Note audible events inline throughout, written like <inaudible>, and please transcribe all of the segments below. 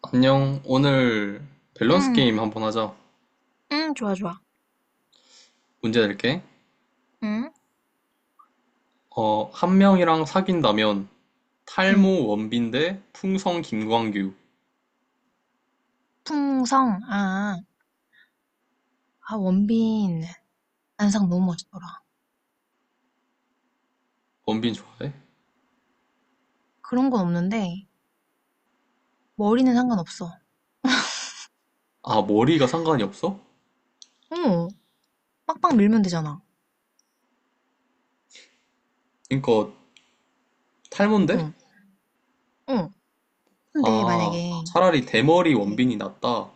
안녕. 오늘 밸런스 응, 게임 한번 하자. 응, 좋아, 좋아. 문제 낼게. 응, 한 명이랑 사귄다면 응. 탈모 원빈 대 풍성 김광규. 풍성, 아, 아, 원빈, 안상 너무 멋있더라. 원빈 좋아해? 그런 건 없는데, 머리는 상관없어. 아, 머리가 상관이 없어? 어, 빡빡 밀면 되잖아. 그러니까 탈모인데? 응, 응. 근데 아, 만약에, 차라리 대머리 이렇게, 원빈이 낫다.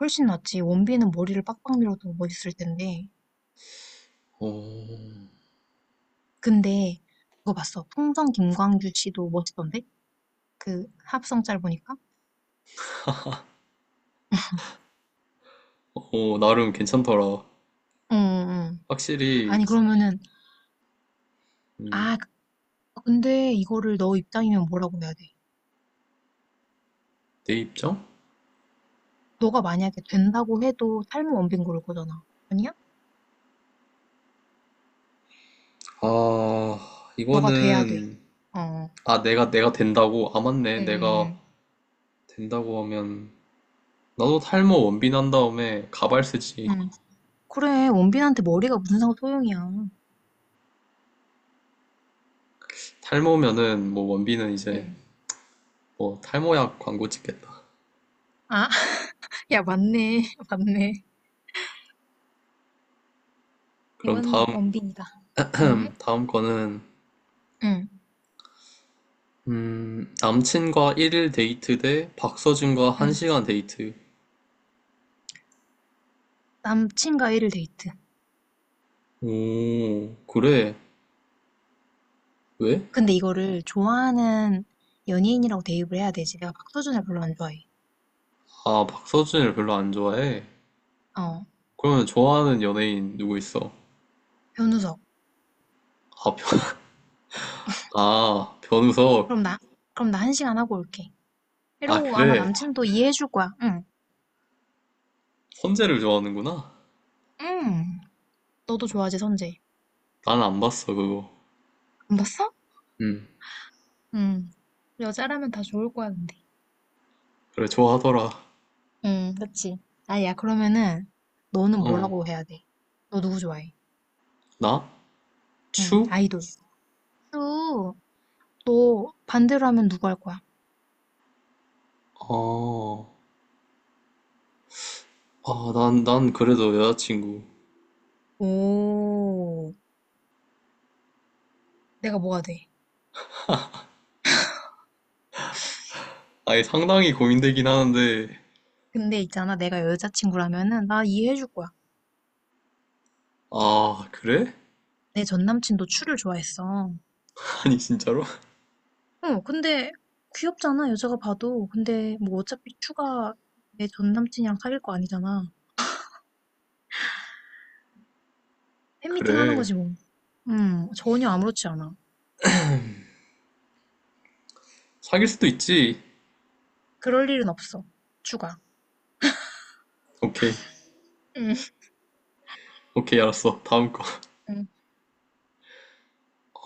훨씬 낫지. 원빈은 머리를 빡빡 밀어도 멋있을 텐데. 어, 근데, 그거 봤어. 풍성 김광규 씨도 멋있던데? 그, 합성짤 보니까? 어, 나름 괜찮더라. 응, 응. 응. 확실히 아니, 그러면은, 음, 아, 근데 이거를 너 입장이면 뭐라고 해야 돼? 내 입장? 너가 만약에 된다고 해도 삶은 원빈고를 거잖아. 아니야? 아, 너가 돼야 돼. 이거는 어. 아, 내가 된다고? 아, 맞네. 응, 내가 응, 된다고 하면 나도 탈모 원빈 한 다음에 가발 쓰지. 응. 그래, 원빈한테 머리가 무슨 상관 소용이야. 응. 탈모면은 뭐 원빈은 이제 응. 뭐 탈모약 광고 찍겠다. 아, <laughs> 야, 맞네. <laughs> 맞네. 그럼 이건 원빈이다. 응? 다음 <clears throat> 다음 거는 응. 남친과 1일 데이트 대 박서준과 응. 1시간 데이트. 남친과 1일 데이트. 오, 그래. 왜? 근데 이거를 좋아하는 연예인이라고 대입을 해야 되지. 내가 박서준을 별로 안 좋아해. 아, 박서준을 별로 안 좋아해. 어, 그러면 좋아하는 연예인 누구 있어? 변우석. 아, 변, <laughs> 아, 변우석. 그럼 나, 그럼 나 1시간 하고 올게. 아, 이러고 아마 그래. 남친도 이해해줄 거야. 응. 선재를 좋아하는구나. 응. 너도 좋아하지, 선재. 난 안 봤어, 그거. 안 봤어? 음, 응, 여자라면 다 좋을 거야, 근데. 그래, 좋아하더라. 응, 그치. 아야, 그러면은 너는 어. 뭐라고 해야 돼? 너 누구 좋아해? 나? 응, 추? 아이돌. 수. 너 반대로 하면 누구 할 거야? 어, 난 그래도 여자친구. 오. 내가 뭐가 돼? 아니, 상당히 고민되긴 하는데, 근데 있잖아, 내가 여자친구라면은 나 이해해줄 거야. 아, 그래? 내 전남친도 추를 좋아했어. <laughs> 아니, 진짜로? <laughs> 어, 근데 귀엽잖아, 여자가 봐도. 근데 뭐 어차피 추가 내 전남친이랑 사귈 거 아니잖아. 팬미팅 하는 그래. 거지 뭐. 전혀 아무렇지 않아. 사귈 수도 있지. 그럴 일은 없어. 추가. 오케이. 응. 오케이, 알았어. 다음 거. 응.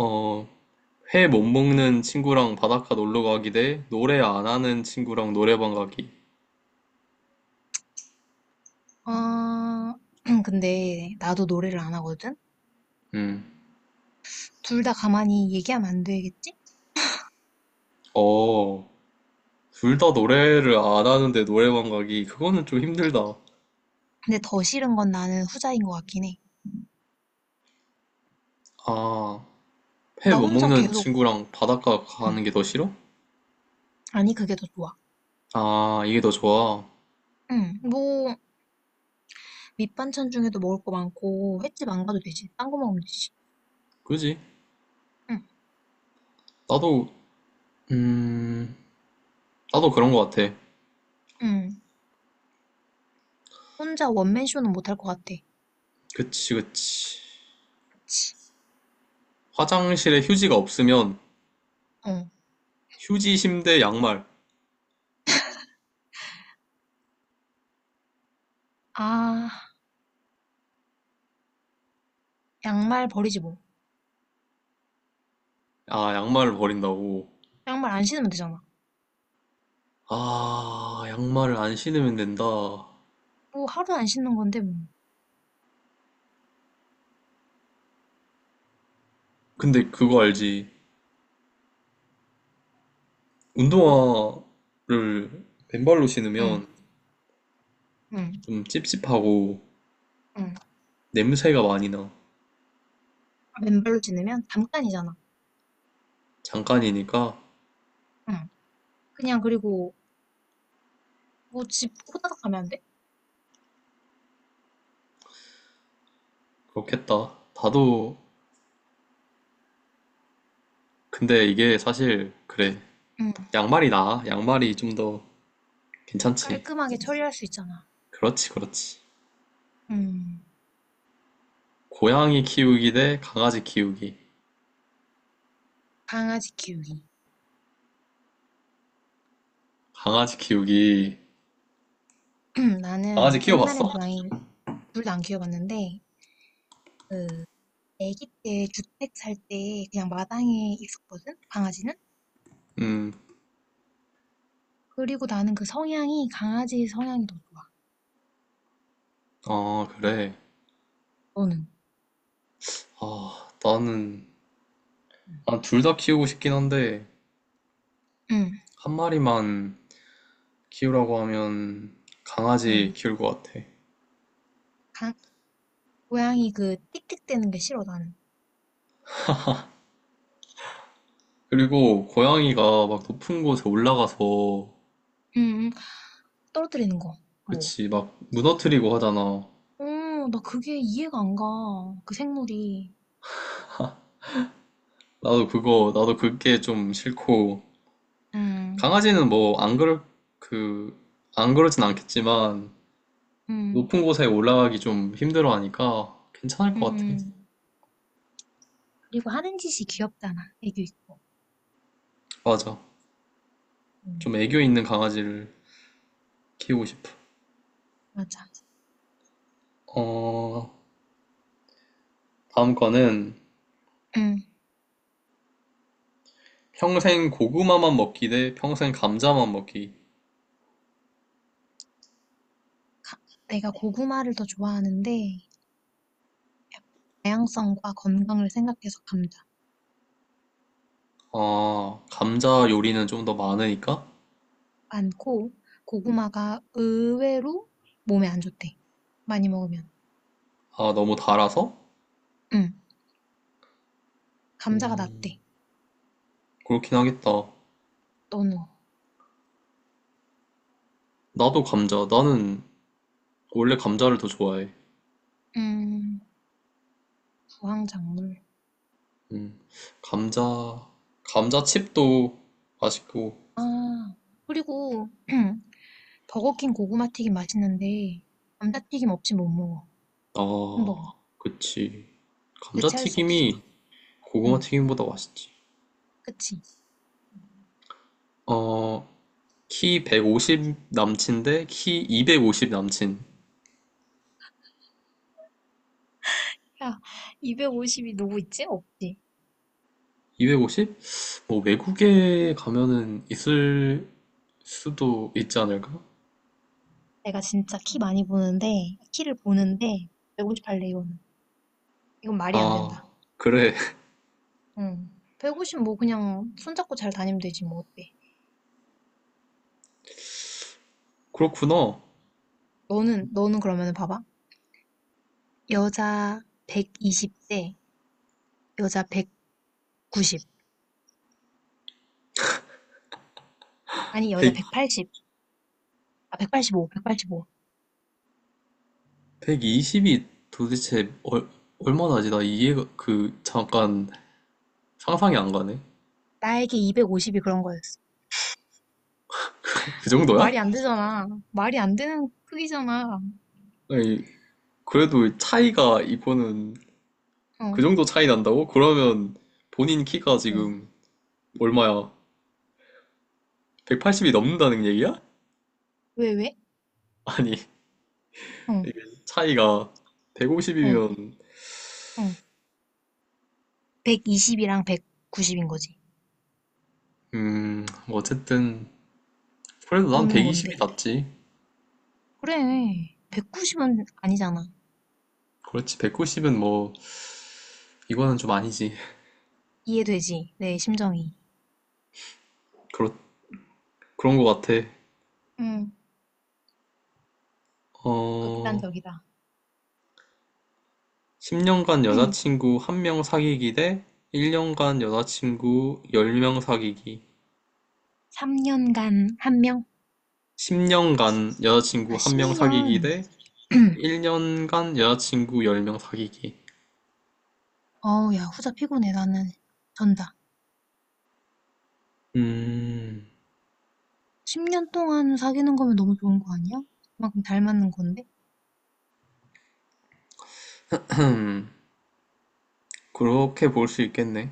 어, 회 못 먹는 친구랑 바닷가 놀러 가기 대 노래 안 하는 친구랑 노래방 가기. 아, <clears throat> 근데 나도 노래를 안 하거든? 음, 둘 다 가만히 얘기하면 안 되겠지? 어, 둘 다 노래를 안 하는데 노래방 가기. 그거는 좀 힘들다. 근데 더 싫은 건 나는 후자인 것 같긴 해. 아, 회 나 못 혼자 먹는 계속, 친구랑 바닷가 가는 게 응. 더 싫어? 아니, 그게 더 좋아. 아, 이게 더 좋아. 응. 뭐, 밑반찬 중에도 먹을 거 많고, 횟집 안 가도 되지. 딴 거 먹으면 되지. 그지? 응. 나도, 음, 나도 그런 것 같아. 응. 혼자 원맨쇼는 못 할 것 같아. 그치, 그치. 치. 화장실에 휴지가 없으면 어. 휴지, 심대, 양말. 아, 양말 버리지 뭐. 아, 양말을 버린다고. 양말 안 신으면 되잖아. 아, 양말을 안 신으면 된다. 뭐, 하루 안 신는 건데, 뭐. 근데 그거 알지? 뭐? 운동화를 맨발로 응, 신으면 응, 좀 찝찝하고 응. 냄새가 많이 나. 맨발로 지내면 잠깐이잖아. 잠깐이니까 응. 그냥 그리고 뭐 집 호다닥 가면 안 돼? 그렇겠다. 나도, 근데 이게 사실, 그래. 응, 양말이 나아. 양말이 좀더 괜찮지. 깔끔하게 처리할 수 있잖아. 그렇지, 그렇지. 응. 고양이 키우기 대 강아지 키우기. 강아지 키우기. 강아지 키우기. <clears throat> 강아지 나는 옛날엔 키워봤어? 고양이 둘 다 안 키워봤는데 그 아기 때 주택 살 때 그냥 마당에 있었거든 강아지는. 음, 그리고 나는 그 성향이 강아지 성향이 더 좋아. 아, 그래. 너는? 아, 나는, 응, 난 둘 다 키우고 싶긴 한데, 응. 한 마리만 키우라고 하면 응. 강아지 키울 것 같아. 강- 고양이 그 틱틱대는 게 싫어 나는. 그리고 고양이가 막 높은 곳에 올라가서, 응, 응. 떨어뜨리는 거. 뭐, 그치, 막 무너뜨리고 하잖아. 어, 나 그게 이해가 안 가. 그 생물이. 나도 그게 좀 싫고, 음, 강아지는 뭐, 안 그럴, 그, 안 그러진 않겠지만, 음, 높은 곳에 올라가기 좀 힘들어 하니까 괜찮을 것 같아. 음. 그리고 하는 짓이 귀엽잖아. 애교 있고. 맞아. 좀 음, 애교 있는 강아지를 키우고 싶어. 맞아. 어, 다음 거는 음. 평생 고구마만 먹기 대 평생 감자만 먹기. 가- 내가 고구마를 더 좋아하는데, 다양성과 건강을 생각해서 감자. 아, 감자 요리는 좀 더 많으니까? 많고, 고구마가 의외로 몸에 안 좋대. 많이 먹으면. 아, 너무 달아서? 음. 감자가 음, 낫대. 그렇긴 하겠다. 너는? 나도 감자. 나는 원래 감자를 더 좋아해. 음, 부황작물. 음, 감자, 감자칩도 맛있고. 아, 그리고, <clears throat> 버거킹 고구마 튀김 맛있는데 감자튀김 없이 못 먹어. 햄버거. 아, 그치. 대체할 수 없어. 감자튀김이 고구마 응. 튀김보다 맛있지. 그치? 어, 키 150 남친데 키 250 남친. 야, 250이 누구 있지? 없지. 250? 뭐 외국에 가면은 있을 수도 있지 않을까? 내가 진짜 키 많이 보는데 키를 보는데 158 레이온은. 이건 말이 안 된다. 아, 그래. 응. 150 뭐 그냥 손잡고 잘 다니면 되지 뭐 어때? <laughs> 그렇구나. 너는 그러면은 봐봐. 여자 120대 여자 190 아니 여자 1 180 아 185 185 백이십2 0이 도대체 얼마나지? 나 이해가, 잠깐 상상이 안 가네. 나에게 250이 그런 거였어. 그 정도야? 말이 안 되잖아. 말이 안 되는 크기잖아. 아니, 그래도 차이가 이거는 어, 그 정도 차이 난다고? 그러면 본인 키가 어. 지금 얼마야? 180이 넘는다는 얘기야? 왜, 왜? <laughs> 아니, 어, 이게 차이가 어, 150이면, 어. 120이랑 190인 거지. 뭐 어쨌든, 그래도 난 너는 120이 뭔데? 낫지. 그래. 190은 아니잖아. 그렇지, 190은 뭐, 이거는 좀 아니지. 이해되지? 내 심정이. 그렇, 그런 거 같아. 응, 어, 극단적이다. 10년간 <clears throat> 여자친구 한 명 사귀기 대 1년간 여자친구 10명 사귀기. 3년간 1명? 10년간 여자친구 아, 한 명 10년. 사귀기 대 <clears throat> 1년간 여자친구 열 명 사귀기. 어우, 야, 후자 피곤해. 나는 전다. 음, 10년 동안 사귀는 거면 너무 좋은 거 아니야? 그만큼 닮았는 건데? 음, 그렇게 볼 수 있겠네.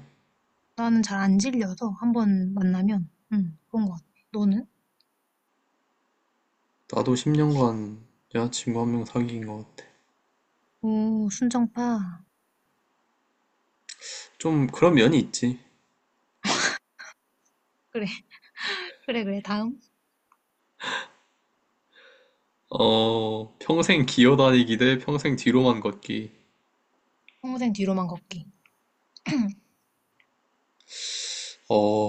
나는 잘 안 질려서 1번 만나면 응 그런 것 같아. 너는? 나도 10년간 여자친구 한 명 사귄 것 같아. 오 순정파. 좀 그런 면이 있지. 그래 그래 그래 다음 평생 기어다니기 대 평생 뒤로만 걷기. 평생 뒤로만 걷기.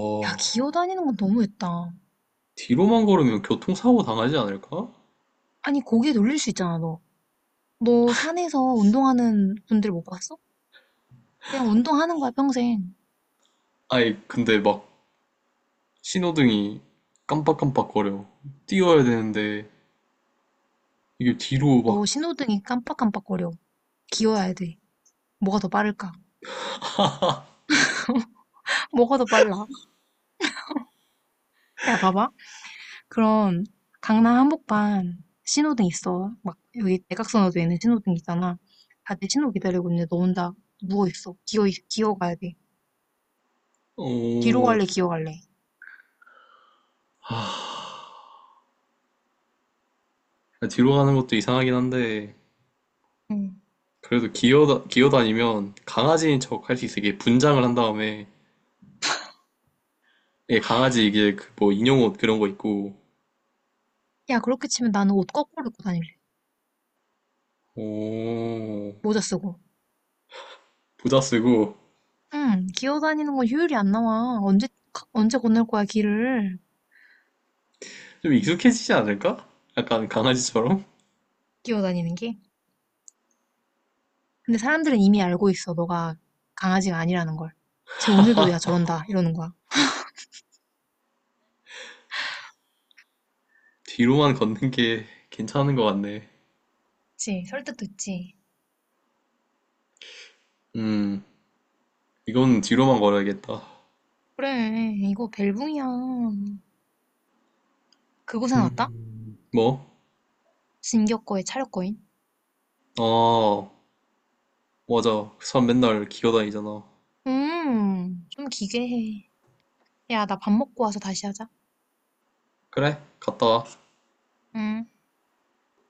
<clears throat> 야 기어다니는 건 너무했다. 뒤로만 걸으면 교통사고 당하지 않을까? 아니 고개 돌릴 수 있잖아 너. 너 산에서 운동하는 분들 못 봤어? 그냥 운동하는 거야 평생. 아니, 근데 막 신호등이 깜빡깜빡거려. 뛰어야 되는데 이게 뒤로 너 막, 신호등이 깜빡깜빡거려. 기어야 돼. 뭐가 더 빠를까? <laughs> 뭐가 더 빨라? 야 봐봐. 그런 강남 한복판 신호등 있어. 막 여기 대각선으로 있는 신호등 있잖아. 다들 신호 기다리고 있는데 너 혼자 누워있어. 기어가야 돼. 뒤로 어, 갈래, 기어 갈래. 뒤로 가는 것도 이상하긴 한데 응. 그래도 기어다니면 강아지인 척 할 수 있어. 이게 분장을 한 다음에 예, 강아지 이게 그 뭐 인형옷 그런 거 있고 야, 그렇게 치면 나는 옷 거꾸로 입고 다닐래. 오, 모자 쓰고. 부자 쓰고 응, 기어 다니는 건 효율이 안 나와. 언제 건널 거야, 길을. 좀 익숙해지지 않을까? 약간 강아지처럼? 기어 다니는 게. 근데 사람들은 이미 알고 있어. 너가 강아지가 아니라는 걸. 쟤 오늘도 야, 저런다. 이러는 거야. <laughs> 뒤로만 걷는 게 괜찮은 것 같네. 그치, 설득도 있지. 음, 이건 뒤로만 걸어야겠다. 그래, 이거 벨붕이야. 그곳에 나다 음. 뭐? 진격거에 차렸거인? 아, 맞아. 그 사람 맨날 기어 다니잖아. 좀 기괴해. 야, 나 밥 먹고 와서 다시 하자. 그래, 갔다 와. 음.